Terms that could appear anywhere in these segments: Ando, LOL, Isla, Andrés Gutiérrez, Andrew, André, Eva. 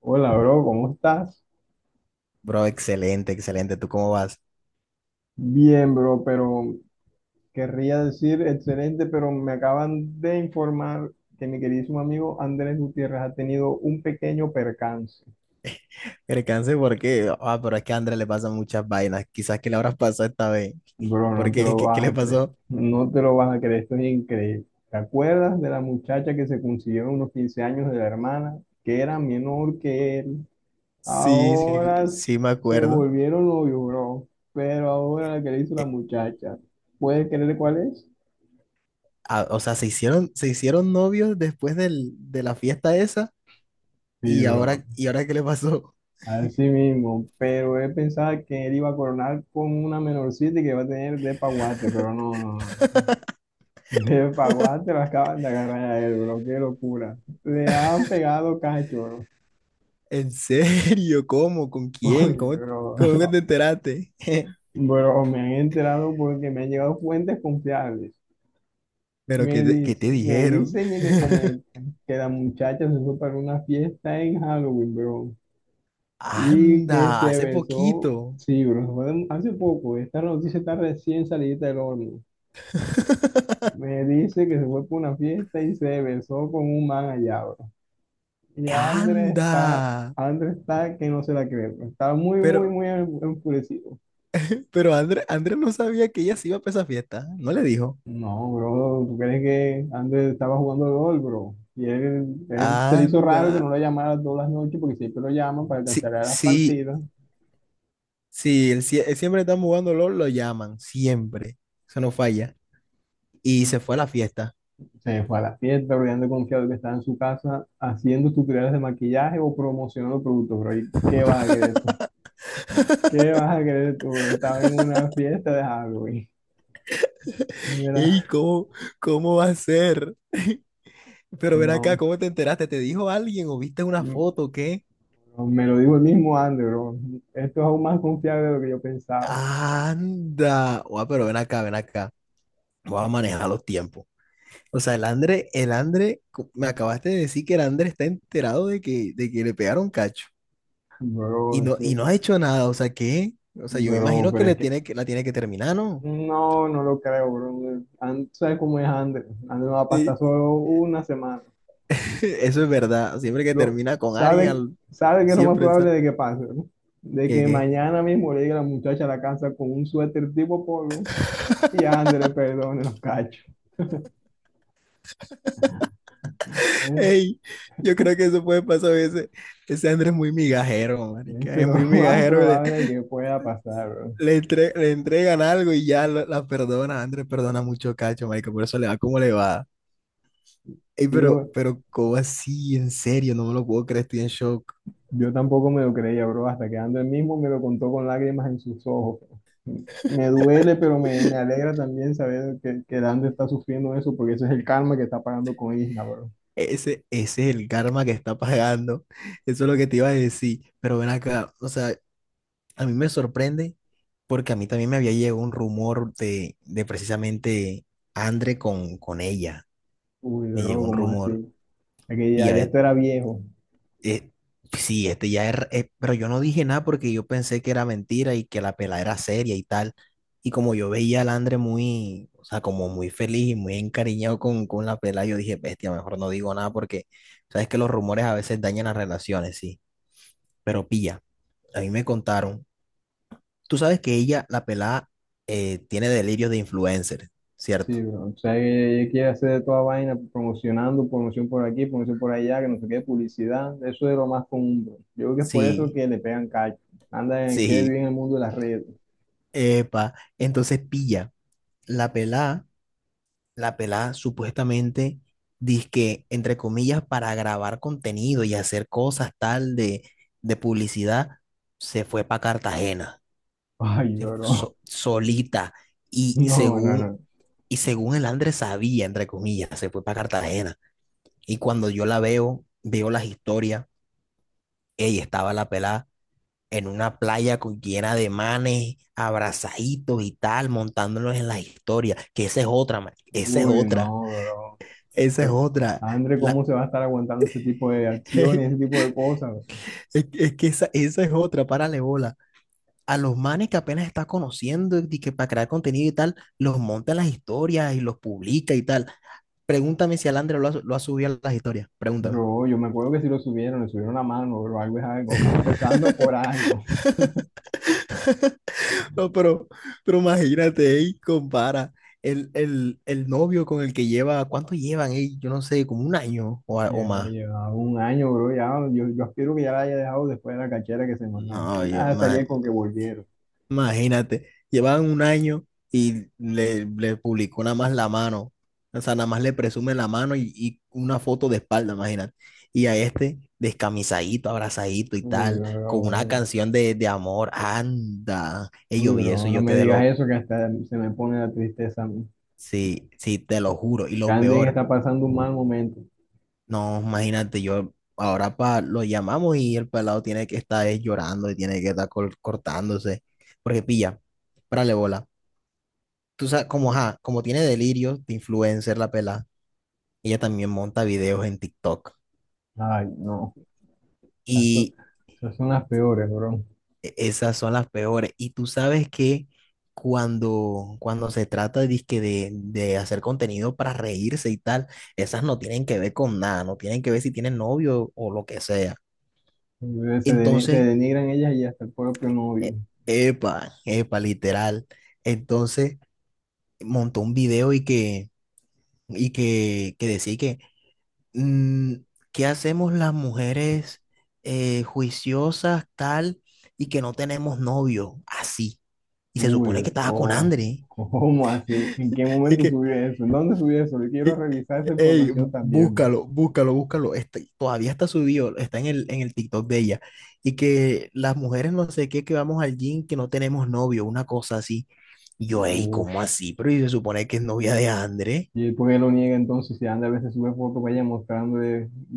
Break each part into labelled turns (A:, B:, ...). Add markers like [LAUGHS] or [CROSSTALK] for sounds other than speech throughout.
A: Hola, bro, ¿cómo estás?
B: Bro, excelente, excelente. ¿Tú cómo vas?
A: Bien, bro, pero querría decir excelente, pero me acaban de informar que mi queridísimo amigo Andrés Gutiérrez ha tenido un pequeño percance.
B: El cáncer, ¿por qué? Ah, pero es que a Andrés le pasan muchas vainas. Quizás que le habrás [LAUGHS] pasado esta vez.
A: Bro,
B: ¿Por
A: no te
B: qué?
A: lo
B: ¿Qué
A: vas
B: le
A: a creer,
B: pasó?
A: no te lo vas a creer, esto es increíble. ¿Te acuerdas de la muchacha que se consiguieron unos 15 años de la hermana, que era menor que él?
B: Sí, sí,
A: Ahora
B: sí me
A: se
B: acuerdo.
A: volvieron novios, bro, pero ahora la que le hizo la
B: Eh,
A: muchacha, ¿puedes creer cuál es?
B: ah, o sea, se hicieron novios después de la fiesta esa.
A: Sí,
B: ¿Y
A: bro.
B: ahora, y ahora qué le pasó?
A: Así mismo, pero él pensaba que él iba a coronar con una menorcita y que iba a tener de paguate, pero no, no, no. No. De paguate lo acaban de agarrar a él, bro, qué locura. Le han pegado cacho, bro.
B: [LAUGHS] ¿En serio? ¿Cómo? ¿Con
A: [LAUGHS] Oye,
B: quién? ¿Cómo,
A: bro,
B: cómo que te enteraste? [LAUGHS]
A: bro, me han enterado porque me han llegado fuentes confiables.
B: ¿Pero qué
A: Me
B: te, qué te
A: dicen, me
B: dijeron?
A: dicen y me comentan que la muchacha se fue para una fiesta en Halloween, bro, y que
B: Anda,
A: se
B: hace
A: besó,
B: poquito.
A: sí, bro, fue hace poco, esta noticia está recién salida del horno. Me dice que se fue por una fiesta y se besó con un man allá, bro. Y
B: [LAUGHS]
A: Andrés está,
B: Anda.
A: Andrés está que no se la cree, bro. Está muy, muy,
B: Pero,
A: muy enfurecido.
B: Pero Andrés André no sabía que ella se iba para esa fiesta. No le dijo.
A: No, bro, ¿tú crees que Andrés estaba jugando LOL, bro? Y él se le hizo raro que
B: Anda.
A: no lo llamara todas las noches porque siempre lo llaman para
B: Sí,
A: cancelar las
B: sí,
A: partidas.
B: sí. Él él siempre están jugando LOL, lo llaman. Siempre. Eso no falla. Y se fue a la fiesta.
A: Se fue a la fiesta, bro, y anda confiado que estaba en su casa haciendo tutoriales de maquillaje o promocionando productos, bro. ¿Y qué vas a querer tú? ¿Qué vas a querer tú, bro? Estaba en una fiesta de Halloween. Mira,
B: ¿Y cómo va a ser? [LAUGHS] Pero ven acá,
A: no,
B: ¿cómo te enteraste? ¿Te dijo alguien o viste una
A: m-
B: foto o qué?
A: me lo digo el mismo Andy, bro. Esto es aún más confiable de lo que yo pensaba,
B: Anda. Guau, pero ven acá, ven acá. Voy a manejar los tiempos. O sea, me acabaste de decir que el André está enterado de que le pegaron cacho.
A: [LAUGHS] bro.
B: Y no ha hecho nada, o sea, ¿qué? O sea, yo me
A: Bro,
B: imagino que
A: pero es que
B: la tiene que terminar, ¿no?
A: no, no lo creo, bro. And, ¿sabes cómo es Andrew? Andrew va a
B: Sí,
A: pasar solo una semana.
B: [LAUGHS] eso es verdad. Siempre que
A: Lo,
B: termina con alguien,
A: sabe, sabe que es lo más
B: siempre
A: probable
B: sale.
A: de que pase, bro. De
B: ¿Qué,
A: que
B: qué?
A: mañana mismo le llegue la muchacha a la casa con un suéter tipo polo y Andrew le perdone los cachos. Es,
B: Ey, yo creo que eso puede pasar a veces. Ese Andrés es muy migajero, marica.
A: Eso es
B: Es
A: lo
B: muy
A: [LAUGHS] más
B: migajero.
A: probable que pueda pasar, bro.
B: Le entregan algo y ya la perdona. Andrés perdona mucho cacho, marica. Por eso le va como le va. Ey,
A: Digo.
B: ¿cómo así? En serio, no me lo puedo creer. Estoy en shock.
A: Yo tampoco me lo creía, bro, hasta que Ando él mismo me lo contó con lágrimas en sus ojos. Me duele, pero me alegra también saber que Ando está sufriendo eso, porque ese es el karma que está pagando con Isla, bro.
B: Ese es el karma que está pagando. Eso es lo que te iba a decir. Pero ven acá, o sea, a mí me sorprende porque a mí también me había llegado un rumor de precisamente Andre con ella.
A: Uy,
B: Me
A: bro,
B: llegó un
A: ¿cómo
B: rumor.
A: así? Es que
B: Y
A: ya,
B: a
A: ya
B: ver,
A: esto era viejo.
B: Eh, sí, este ya es, pero yo no dije nada porque yo pensé que era mentira y que la pela era seria y tal. Y como yo veía al Andre muy, o sea, como muy feliz y muy encariñado con la pela, yo dije, bestia, mejor no digo nada porque sabes que los rumores a veces dañan las relaciones, sí. Pero pilla, a mí me contaron, tú sabes que ella, la pelada, tiene delirios de influencer,
A: Sí,
B: ¿cierto?
A: bro. O sea, que ella quiere hacer de toda vaina, promocionando, promoción por aquí, promoción por allá, que no sé qué, publicidad. Eso es lo más común, bro. Yo creo que es por eso
B: Sí,
A: que le pegan cacho.
B: [LAUGHS]
A: Anda, quiere vivir
B: sí,
A: en el mundo de las redes.
B: epa. Entonces pilla, la pelada la pelada supuestamente dizque, entre comillas, para grabar contenido y hacer cosas tal de publicidad, se fue para Cartagena,
A: Ay, bro. [LAUGHS]
B: solita, y
A: No, no,
B: según,
A: no.
B: y según el Andrés sabía, entre comillas, se fue para Cartagena. Y cuando veo las historias, ella estaba la pelada en una playa llena de manes, abrazaditos y tal, montándolos en las historias, que esa es otra, man, esa es
A: Uy,
B: otra.
A: no, bro.
B: Esa es
A: Pero,
B: otra.
A: Andre,
B: La,
A: ¿cómo se va a estar aguantando ese tipo de
B: [LAUGHS] es,
A: acciones, ese tipo de cosas?
B: es que esa es otra, párale bola. A los manes que apenas está conociendo y que para crear contenido y tal, los monta en las historias y los publica y tal. Pregúntame si Alandra lo ha subido a las historias. Pregúntame.
A: Bro, yo me acuerdo que si lo subieron, le subieron la mano, bro, algo es algo. Vamos [LAUGHS] empezando por
B: [LAUGHS]
A: algo. [LAUGHS]
B: No, pero imagínate, ey, compara el novio con el que lleva, ¿cuánto llevan? Ey, yo no sé, como un año o
A: Ya
B: más.
A: llevaba un año, bro, ya, yo aspiro que ya la haya dejado después de la cachera que se mamó. No
B: No,
A: me vas a
B: más.
A: salir con que volvieron.
B: Imagínate, llevaban un año y le publicó nada más la mano. O sea, nada más le presume la mano y una foto de espalda, imagínate. Y a este descamisadito, abrazadito y
A: Uy,
B: tal, con una
A: bro,
B: canción de amor. Anda. Y
A: uy,
B: yo vi eso
A: bro,
B: y
A: no
B: yo
A: me
B: quedé
A: digas
B: loco.
A: eso que hasta se me pone la tristeza a mí.
B: Sí, sí, te lo juro. Y lo
A: Andre
B: peor,
A: está pasando un mal momento.
B: no, imagínate, yo ahora pa, lo llamamos y el pelado tiene que estar llorando y tiene que estar cortándose. Porque pilla, párale bola, tú sabes, como, ajá, como tiene delirios de influencer la pelada, ella también monta videos en TikTok.
A: Ay, no, esas son,
B: Y
A: esas son las peores, bro.
B: esas son las peores. Y tú sabes que cuando se trata dizque, de hacer contenido para reírse y tal, esas no tienen que ver con nada, no tienen que ver si tienen novio o lo que sea.
A: Se, se
B: Entonces,
A: denigran ellas y hasta el propio novio.
B: e- epa, epa, literal. Entonces, montó un video que decía que mm, ¿qué hacemos las mujeres juiciosas, tal, y que no tenemos novio? Así. Y se
A: Uy,
B: supone que estaba con
A: o
B: Andre.
A: [LAUGHS] ¿cómo así? ¿En qué
B: Y
A: momento
B: que,
A: subió eso? ¿En dónde subió eso? Yo quiero
B: y-
A: revisar esa
B: Ey,
A: información también, bro.
B: búscalo, búscalo, búscalo. Todavía está subido, está en el TikTok de ella. Y que las mujeres no sé qué, que vamos al gym, que no tenemos novio, una cosa así. Y yo, ey,
A: Uf,
B: ¿cómo así? Pero y se supone que es novia de Andre.
A: ¿y por qué lo niega entonces? Si anda a veces sube fotos, vaya mostrando,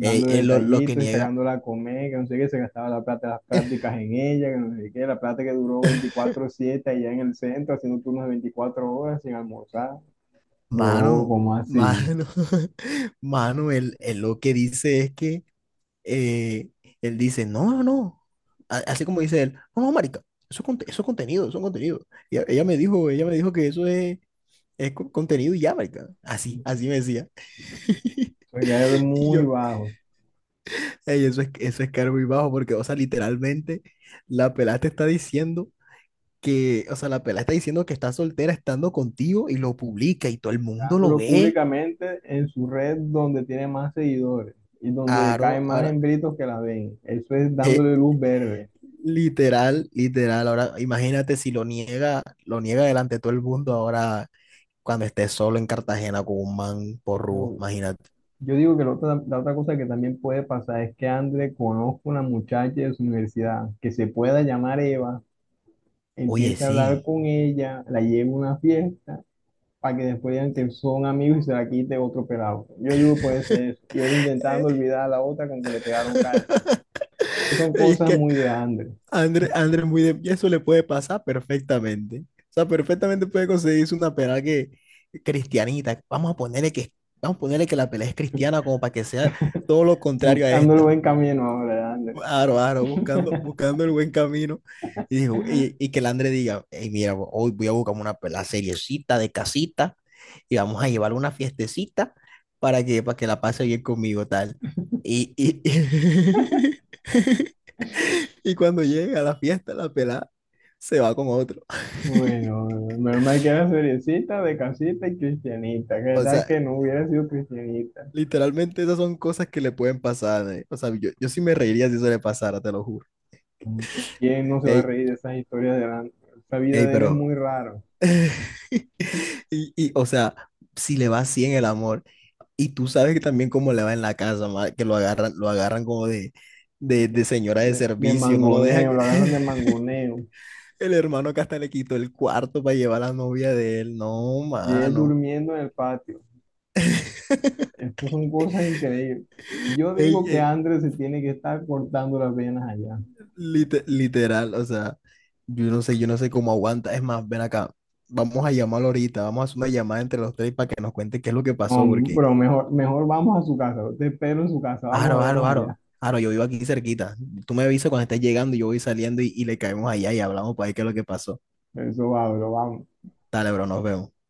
B: Ey, él lo que
A: detallitos y
B: niega.
A: sacándola a comer, que no sé qué, se gastaba la plata, las prácticas en ella, que no sé qué, la plata que duró
B: [LAUGHS]
A: 24/7 allá en el centro, haciendo turnos de 24 horas sin almorzar. Bro,
B: Mano,
A: ¿cómo así?
B: mano, [LAUGHS] mano, él lo que dice es que eh, él dice, no, no, no, así como dice él, no, no, marica, eso es contenido, eso es contenido. Y ella me dijo que eso contenido y ya, marica, así, así me decía.
A: Soy
B: [LAUGHS] Y
A: muy
B: yo,
A: bajo.
B: "Ey, eso es caro muy bajo porque, o sea, literalmente la pelada te está diciendo que, o sea, la pelada está diciendo que está soltera estando contigo y lo publica y todo el mundo lo
A: Negándolo
B: ve".
A: públicamente en su red donde tiene más seguidores y donde le
B: Claro.
A: caen más hembritos que la ven. Eso es
B: Eh,
A: dándole luz verde.
B: Literal, literal. Ahora, imagínate si lo niega delante de todo el mundo ahora cuando esté solo en Cartagena con un man porrudo,
A: No,
B: imagínate.
A: yo digo que la otra cosa que también puede pasar es que André conozca una muchacha de su universidad que se pueda llamar Eva,
B: Oye,
A: empiece a hablar
B: sí.
A: con ella, la lleve a una fiesta para que después digan que son amigos y se la quite otro pelado. Yo digo puede ser eso. Y él
B: Eh,
A: intentando olvidar a la otra con que le pegaron cacho.
B: [LAUGHS]
A: Pues son
B: Y es
A: cosas
B: que
A: muy de André.
B: André es muy de, y eso le puede pasar perfectamente. O sea, perfectamente puede conseguirse una pelea que cristianita. Vamos a ponerle que la pelea es cristiana como para que sea todo lo contrario a
A: Buscándolo
B: esta.
A: buen camino ahora, de André.
B: Aro, aro, buscando, buscando el buen camino. Y que el André diga, "Ey, mira, hoy voy a buscar la seriecita de casita y vamos a llevar una fiestecita para que la pase bien conmigo, tal". Y, y, [LAUGHS] y cuando llega a la fiesta, la pelada se va con otro.
A: Bueno, menos mal que era seriecita, de casita y cristianita. ¿Qué
B: O
A: tal
B: sea,
A: que no hubiera sido cristianita?
B: literalmente esas son cosas que le pueden pasar. O sea, yo sí me reiría si eso le pasara, te lo juro.
A: ¿Quién no se va a
B: Ey,
A: reír de esas historias de la... Esa vida
B: ey,
A: de él es
B: pero
A: muy raro.
B: [LAUGHS] O sea, si le va así en el amor, y tú sabes que también cómo le va en la casa, ma, que lo agarran, como de
A: De,
B: señora de
A: de
B: servicio, no lo dejan.
A: mangoneo, lo agarran de
B: [LAUGHS]
A: mangoneo.
B: El hermano que hasta le quitó el cuarto para llevar a la novia de él. No,
A: Y él
B: mano.
A: durmiendo en el patio. Estas son cosas increíbles. Yo
B: Ey,
A: digo que Andrés se tiene que estar cortando las venas allá.
B: literal, o sea, yo no sé cómo aguanta. Es más, ven acá, vamos a llamarlo ahorita, vamos a hacer una llamada entre los tres para que nos cuente qué es lo que
A: No,
B: pasó, porque.
A: bro, mejor, mejor vamos a su casa. Te espero en su casa.
B: Aro,
A: Vamos a
B: aro,
A: vernos
B: aro.
A: allá.
B: Aro, yo vivo aquí cerquita. Tú me avisas cuando estés llegando y yo voy saliendo y le caemos allá y hablamos para ver qué es lo que pasó.
A: Eso va, bro, vamos.
B: Dale, bro, nos vemos.